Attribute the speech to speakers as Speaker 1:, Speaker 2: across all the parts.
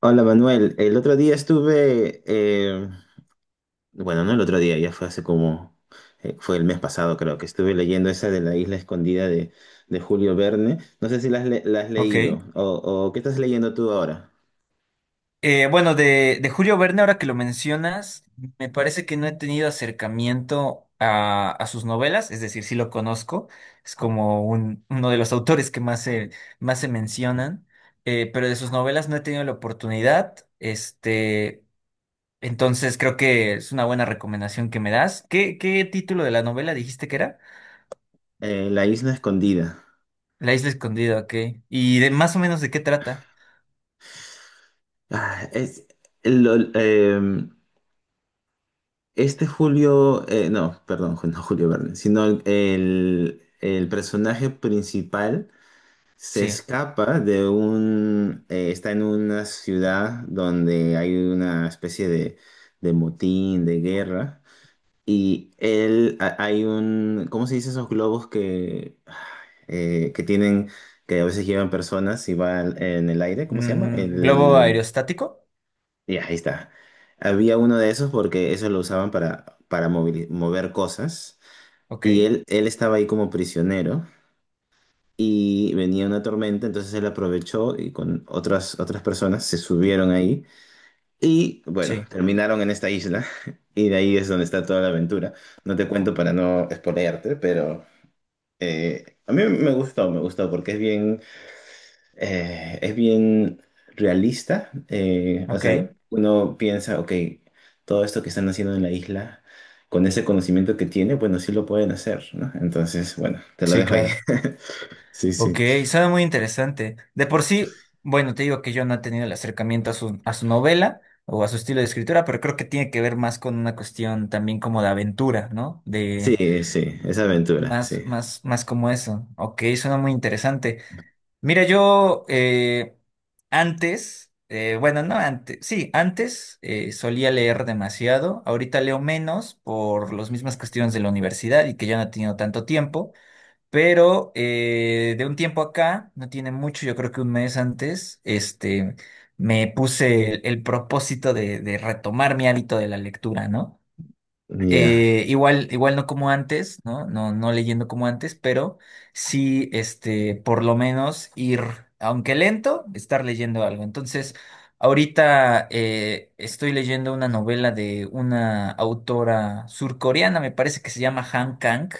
Speaker 1: Hola Manuel, el otro día estuve, bueno, no el otro día, ya fue fue el mes pasado creo que estuve leyendo esa de la isla escondida de Julio Verne. No sé si la has
Speaker 2: Ok.
Speaker 1: leído o qué estás leyendo tú ahora.
Speaker 2: De Julio Verne, ahora que lo mencionas, me parece que no he tenido acercamiento a sus novelas, es decir, sí lo conozco, es como uno de los autores que más se mencionan, pero de sus novelas no he tenido la oportunidad, este, entonces creo que es una buena recomendación que me das. ¿Qué título de la novela dijiste que era?
Speaker 1: La isla escondida.
Speaker 2: La isla escondida, ok. ¿Y de más o menos de qué trata?
Speaker 1: Ah, es, lo- eh, este Julio, no, perdón, no Julio Verne, sino el personaje principal. Se
Speaker 2: Sí.
Speaker 1: escapa de un... está en una ciudad donde hay una especie de motín, de guerra. Y él, hay un... ¿Cómo se dice esos globos que tienen, que a veces llevan personas y van en el aire? ¿Cómo se llama?
Speaker 2: Mm, ¿globo
Speaker 1: El...
Speaker 2: aerostático?
Speaker 1: Ya, ahí está. Había uno de esos porque eso lo usaban para mover cosas.
Speaker 2: Ok,
Speaker 1: Y él estaba ahí como prisionero y venía una tormenta, entonces él aprovechó y con otras personas se subieron ahí y bueno,
Speaker 2: sí.
Speaker 1: terminaron en esta isla y de ahí es donde está toda la aventura. No te cuento para no spoilearte, pero a mí me gustó porque es es bien realista, o
Speaker 2: Ok,
Speaker 1: sea, uno piensa, ok, todo esto que están haciendo en la isla. Con ese conocimiento que tiene, bueno, sí lo pueden hacer, ¿no? Entonces, bueno, te lo
Speaker 2: sí,
Speaker 1: dejo ahí.
Speaker 2: claro.
Speaker 1: Sí, sí.
Speaker 2: Ok, suena muy interesante. De por sí, bueno, te digo que yo no he tenido el acercamiento a su novela o a su estilo de escritura, pero creo que tiene que ver más con una cuestión también como de aventura, ¿no? De
Speaker 1: Sí, sí, es aventura, sí.
Speaker 2: más como eso. Ok, suena muy interesante. Mira, yo antes, no antes, sí, antes solía leer demasiado. Ahorita leo menos por las mismas cuestiones de la universidad y que ya no he tenido tanto tiempo. Pero de un tiempo acá, no tiene mucho, yo creo que un mes antes, este, me puse el propósito de retomar mi hábito de la lectura, ¿no?
Speaker 1: Ya,
Speaker 2: Igual no como antes, ¿no? No leyendo como antes, pero sí, este, por lo menos ir, aunque lento, estar leyendo algo. Entonces, ahorita estoy leyendo una novela de una autora surcoreana, me parece que se llama Han Kang,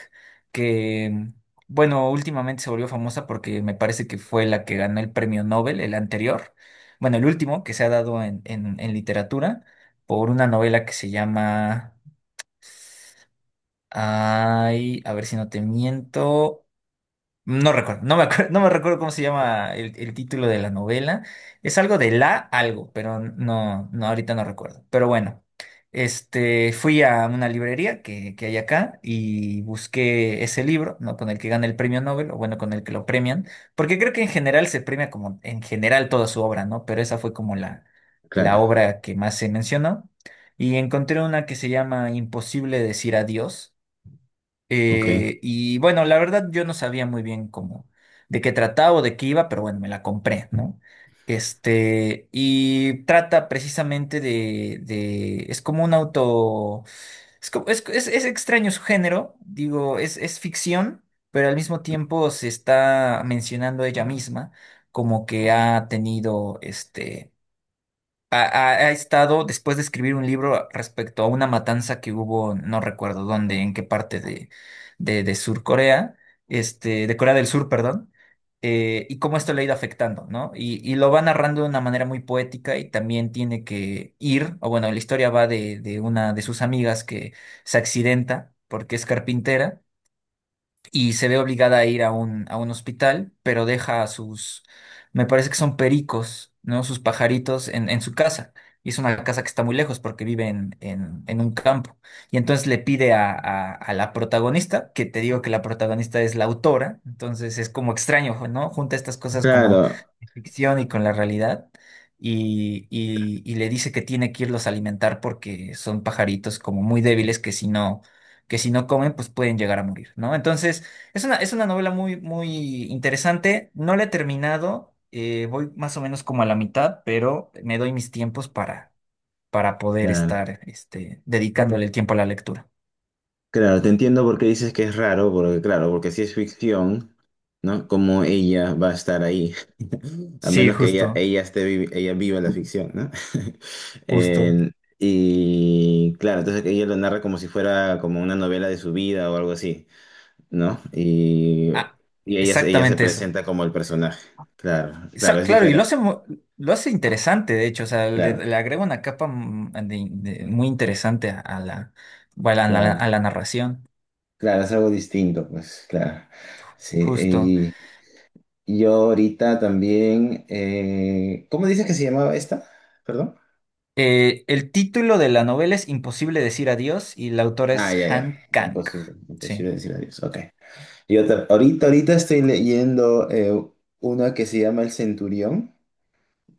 Speaker 2: que, bueno, últimamente se volvió famosa porque me parece que fue la que ganó el premio Nobel, el anterior, bueno, el último que se ha dado en literatura, por una novela que se llama... Ay, a ver si no te miento. No me acuerdo, no me recuerdo cómo se llama el título de la novela. Es algo de la algo, pero ahorita no recuerdo. Pero bueno, este, fui a una librería que hay acá y busqué ese libro, ¿no? Con el que gana el premio Nobel, o bueno, con el que lo premian, porque creo que en general se premia como en general toda su obra, ¿no? Pero esa fue como la
Speaker 1: claro,
Speaker 2: obra que más se mencionó. Y encontré una que se llama Imposible decir adiós,
Speaker 1: ok.
Speaker 2: y bueno, la verdad yo no sabía muy bien cómo, de qué trataba o de qué iba, pero bueno, me la compré, ¿no? Este, y trata precisamente es como un auto, es extraño su género, digo, es ficción, pero al mismo tiempo se está mencionando ella misma como que ha tenido, este, ha estado después de escribir un libro respecto a una matanza que hubo, no recuerdo dónde, en qué parte de Sur Corea, este, de Corea del Sur, perdón, y cómo esto le ha ido afectando, ¿no? Y lo va narrando de una manera muy poética y también tiene que ir, o bueno, la historia va de una de sus amigas que se accidenta porque es carpintera y se ve obligada a ir a un hospital, pero deja a sus, me parece que son pericos, ¿no? Sus pajaritos en su casa. Y es una casa que está muy lejos porque vive en un campo. Y entonces le pide a la protagonista, que te digo que la protagonista es la autora, entonces es como extraño, ¿no? Junta estas cosas como
Speaker 1: Claro,
Speaker 2: de ficción y con la realidad. Y le dice que tiene que irlos a alimentar porque son pajaritos como muy débiles que si no comen, pues pueden llegar a morir, ¿no? Entonces, es una novela muy, muy interesante. No la he terminado. Voy más o menos como a la mitad, pero me doy mis tiempos para poder
Speaker 1: claro,
Speaker 2: estar este, dedicándole el tiempo a la lectura.
Speaker 1: claro, te entiendo por qué dices que es raro, porque claro, porque si es ficción, ¿no? Como ella va a estar ahí, a
Speaker 2: Sí,
Speaker 1: menos que
Speaker 2: justo,
Speaker 1: ella esté, ella viva la ficción, ¿no?
Speaker 2: justo.
Speaker 1: Y claro, entonces ella lo narra como si fuera como una novela de su vida o algo así, ¿no?
Speaker 2: Ah,
Speaker 1: Y ella se
Speaker 2: exactamente eso.
Speaker 1: presenta como el personaje. Claro, claro, es
Speaker 2: Claro, y
Speaker 1: diferente.
Speaker 2: lo hace interesante, de hecho. O sea,
Speaker 1: Claro,
Speaker 2: le agrega una capa mm, muy interesante a, la, bueno,
Speaker 1: claro.
Speaker 2: a la narración.
Speaker 1: Claro, es algo distinto, pues claro. Sí,
Speaker 2: Justo.
Speaker 1: y yo ahorita también, ¿cómo dices que se llamaba esta? Perdón.
Speaker 2: El título de la novela es Imposible decir adiós y la autora
Speaker 1: Ah,
Speaker 2: es
Speaker 1: ya, ya.
Speaker 2: Han Kang.
Speaker 1: Imposible,
Speaker 2: Sí.
Speaker 1: imposible decir adiós. Ok. Ahorita estoy leyendo una que se llama El Centurión.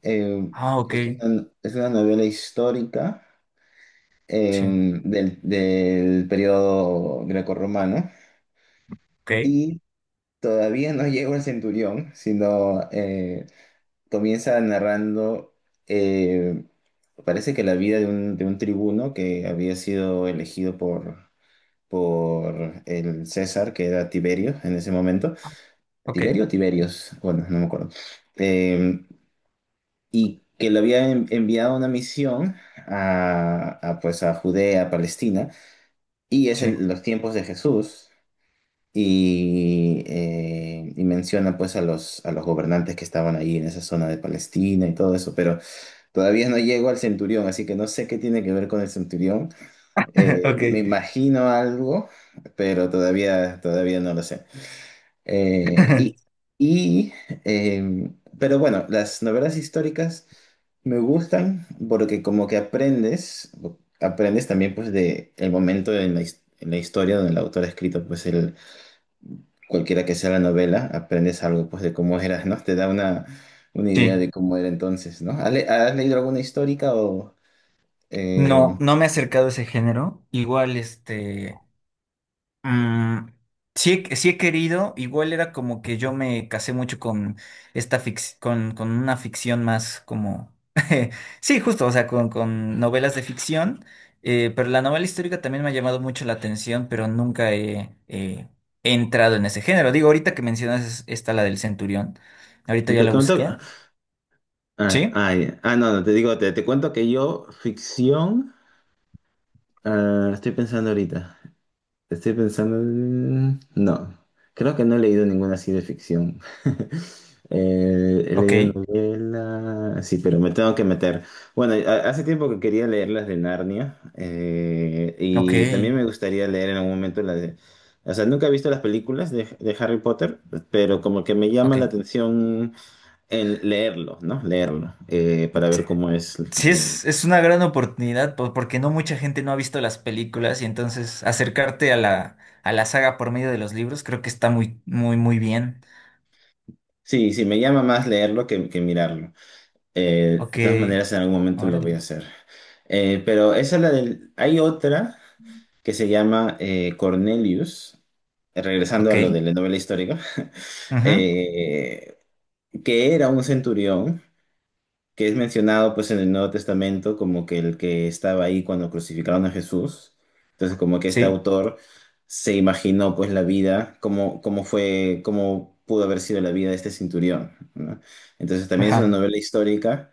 Speaker 1: Eh,
Speaker 2: Ah, ok,
Speaker 1: es una, es una novela histórica
Speaker 2: sí,
Speaker 1: del periodo grecorromano.
Speaker 2: ok,
Speaker 1: Y todavía no llego al centurión, sino comienza narrando, eh, parece que la vida de un tribuno que había sido elegido por el César, que era Tiberio en ese momento.
Speaker 2: ok,
Speaker 1: ¿Tiberio o Tiberios? Bueno, no me acuerdo. Eh, y que le había enviado una misión pues, a Judea, a Palestina, y es
Speaker 2: sí,
Speaker 1: en los tiempos de Jesús. Y menciona pues a a los gobernantes que estaban ahí en esa zona de Palestina y todo eso, pero todavía no llego al Centurión, así que no sé qué tiene que ver con el Centurión.
Speaker 2: ok.
Speaker 1: Me imagino algo, pero todavía no lo sé. Eh, y, y, eh, pero bueno, las novelas históricas me gustan porque como que aprendes, aprendes también pues de el momento en en la historia donde el autor ha escrito pues el, cualquiera que sea la novela, aprendes algo pues de cómo era, ¿no? Te da una idea
Speaker 2: Sí.
Speaker 1: de cómo era entonces, ¿no? Has leído alguna histórica o...?
Speaker 2: No,
Speaker 1: Eh,
Speaker 2: no me he acercado a ese género. Igual, este. Mm, sí he querido, igual era como que yo me casé mucho con con una ficción más como, sí, justo, o sea, con novelas de ficción, pero la novela histórica también me ha llamado mucho la atención, pero nunca he, he entrado en ese género. Digo, ahorita que mencionas esta, la del Centurión, ahorita ya
Speaker 1: Te
Speaker 2: la
Speaker 1: cuento.
Speaker 2: busqué, ¿sí?
Speaker 1: No, no, te digo, te cuento que yo, ficción, ah, estoy pensando ahorita. Estoy pensando. No, creo que no he leído ninguna así de ficción. He
Speaker 2: Ok,
Speaker 1: leído novela, sí, pero me tengo que meter. Bueno, hace tiempo que quería leer las de Narnia
Speaker 2: ok,
Speaker 1: y también me gustaría leer en algún momento las de... O sea, nunca he visto las películas de Harry Potter, pero como que me llama
Speaker 2: ok.
Speaker 1: la atención en leerlo, ¿no? Leerlo, para ver cómo es. eh,
Speaker 2: Es una gran oportunidad porque no mucha gente no ha visto las películas y entonces acercarte a a la saga por medio de los libros creo que está muy, muy, muy bien.
Speaker 1: Sí, sí, me llama más leerlo que mirarlo.
Speaker 2: Ok,
Speaker 1: De todas maneras, en algún momento lo
Speaker 2: órale.
Speaker 1: voy a hacer. Pero esa es la del... Hay otra que se llama Cornelius, regresando a lo de
Speaker 2: Ok.
Speaker 1: la novela histórica,
Speaker 2: Ujú.
Speaker 1: eh, que era un centurión que es mencionado pues en el Nuevo Testamento como que el que estaba ahí cuando crucificaron a Jesús. Entonces como que este
Speaker 2: Sí.
Speaker 1: autor se imaginó pues la vida, cómo, cómo fue, cómo pudo haber sido la vida de este centurión, ¿no? Entonces también es una
Speaker 2: Ajá.
Speaker 1: novela histórica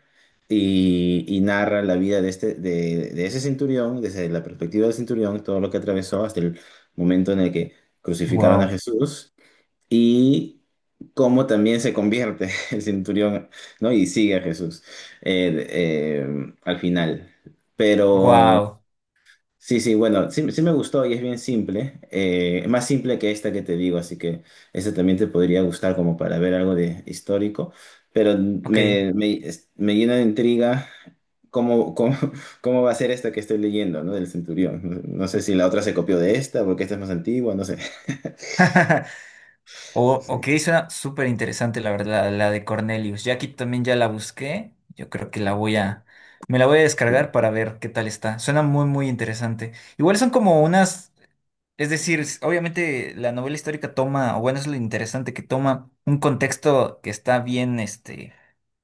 Speaker 1: y narra la vida de, este, de ese centurión, desde la perspectiva del centurión, todo lo que atravesó hasta el momento en el que crucificaron a
Speaker 2: Wow.
Speaker 1: Jesús y cómo también se convierte el centurión, ¿no? Y sigue a Jesús al final. Pero
Speaker 2: Wow.
Speaker 1: sí, sí, bueno, sí, sí me gustó y es bien simple, más simple que esta que te digo, así que esta también te podría gustar como para ver algo de histórico, pero
Speaker 2: Ok.
Speaker 1: me llena de intriga. ¿Cómo, cómo, cómo va a ser esta que estoy leyendo, ¿no? Del centurión. No sé si la otra se copió de esta, porque esta es más antigua, no sé.
Speaker 2: O,
Speaker 1: Sí.
Speaker 2: ok, suena súper interesante la verdad, la de Cornelius. Ya aquí también ya la busqué. Yo creo que me la voy a descargar para ver qué tal está. Suena muy, muy interesante. Igual son como unas... Es decir, obviamente la novela histórica toma, o bueno, es lo interesante que toma un contexto que está bien, este,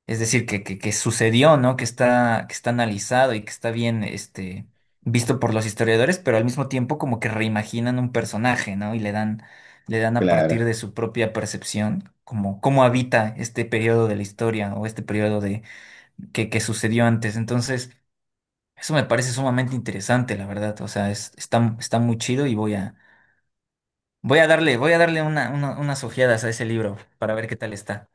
Speaker 2: es decir, que sucedió, ¿no? Que está analizado y que está bien, este, visto por los historiadores, pero al mismo tiempo como que reimaginan un personaje, ¿no? Le dan a
Speaker 1: Claro.
Speaker 2: partir de su propia percepción, como cómo habita este periodo de la historia o este periodo de que sucedió antes. Entonces, eso me parece sumamente interesante, la verdad. O sea, está muy chido y voy a darle, unas ojeadas a ese libro para ver qué tal está.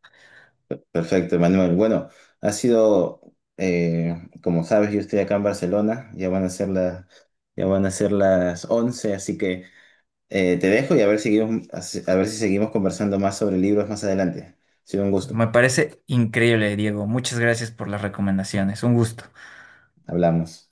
Speaker 1: Perfecto, Manuel. Bueno, ha sido, como sabes, yo estoy acá en Barcelona, ya van a ser las 11, así que te dejo y a ver, a ver si seguimos conversando más sobre libros más adelante. Ha sido un gusto.
Speaker 2: Me parece increíble, Diego. Muchas gracias por las recomendaciones. Un gusto.
Speaker 1: Hablamos.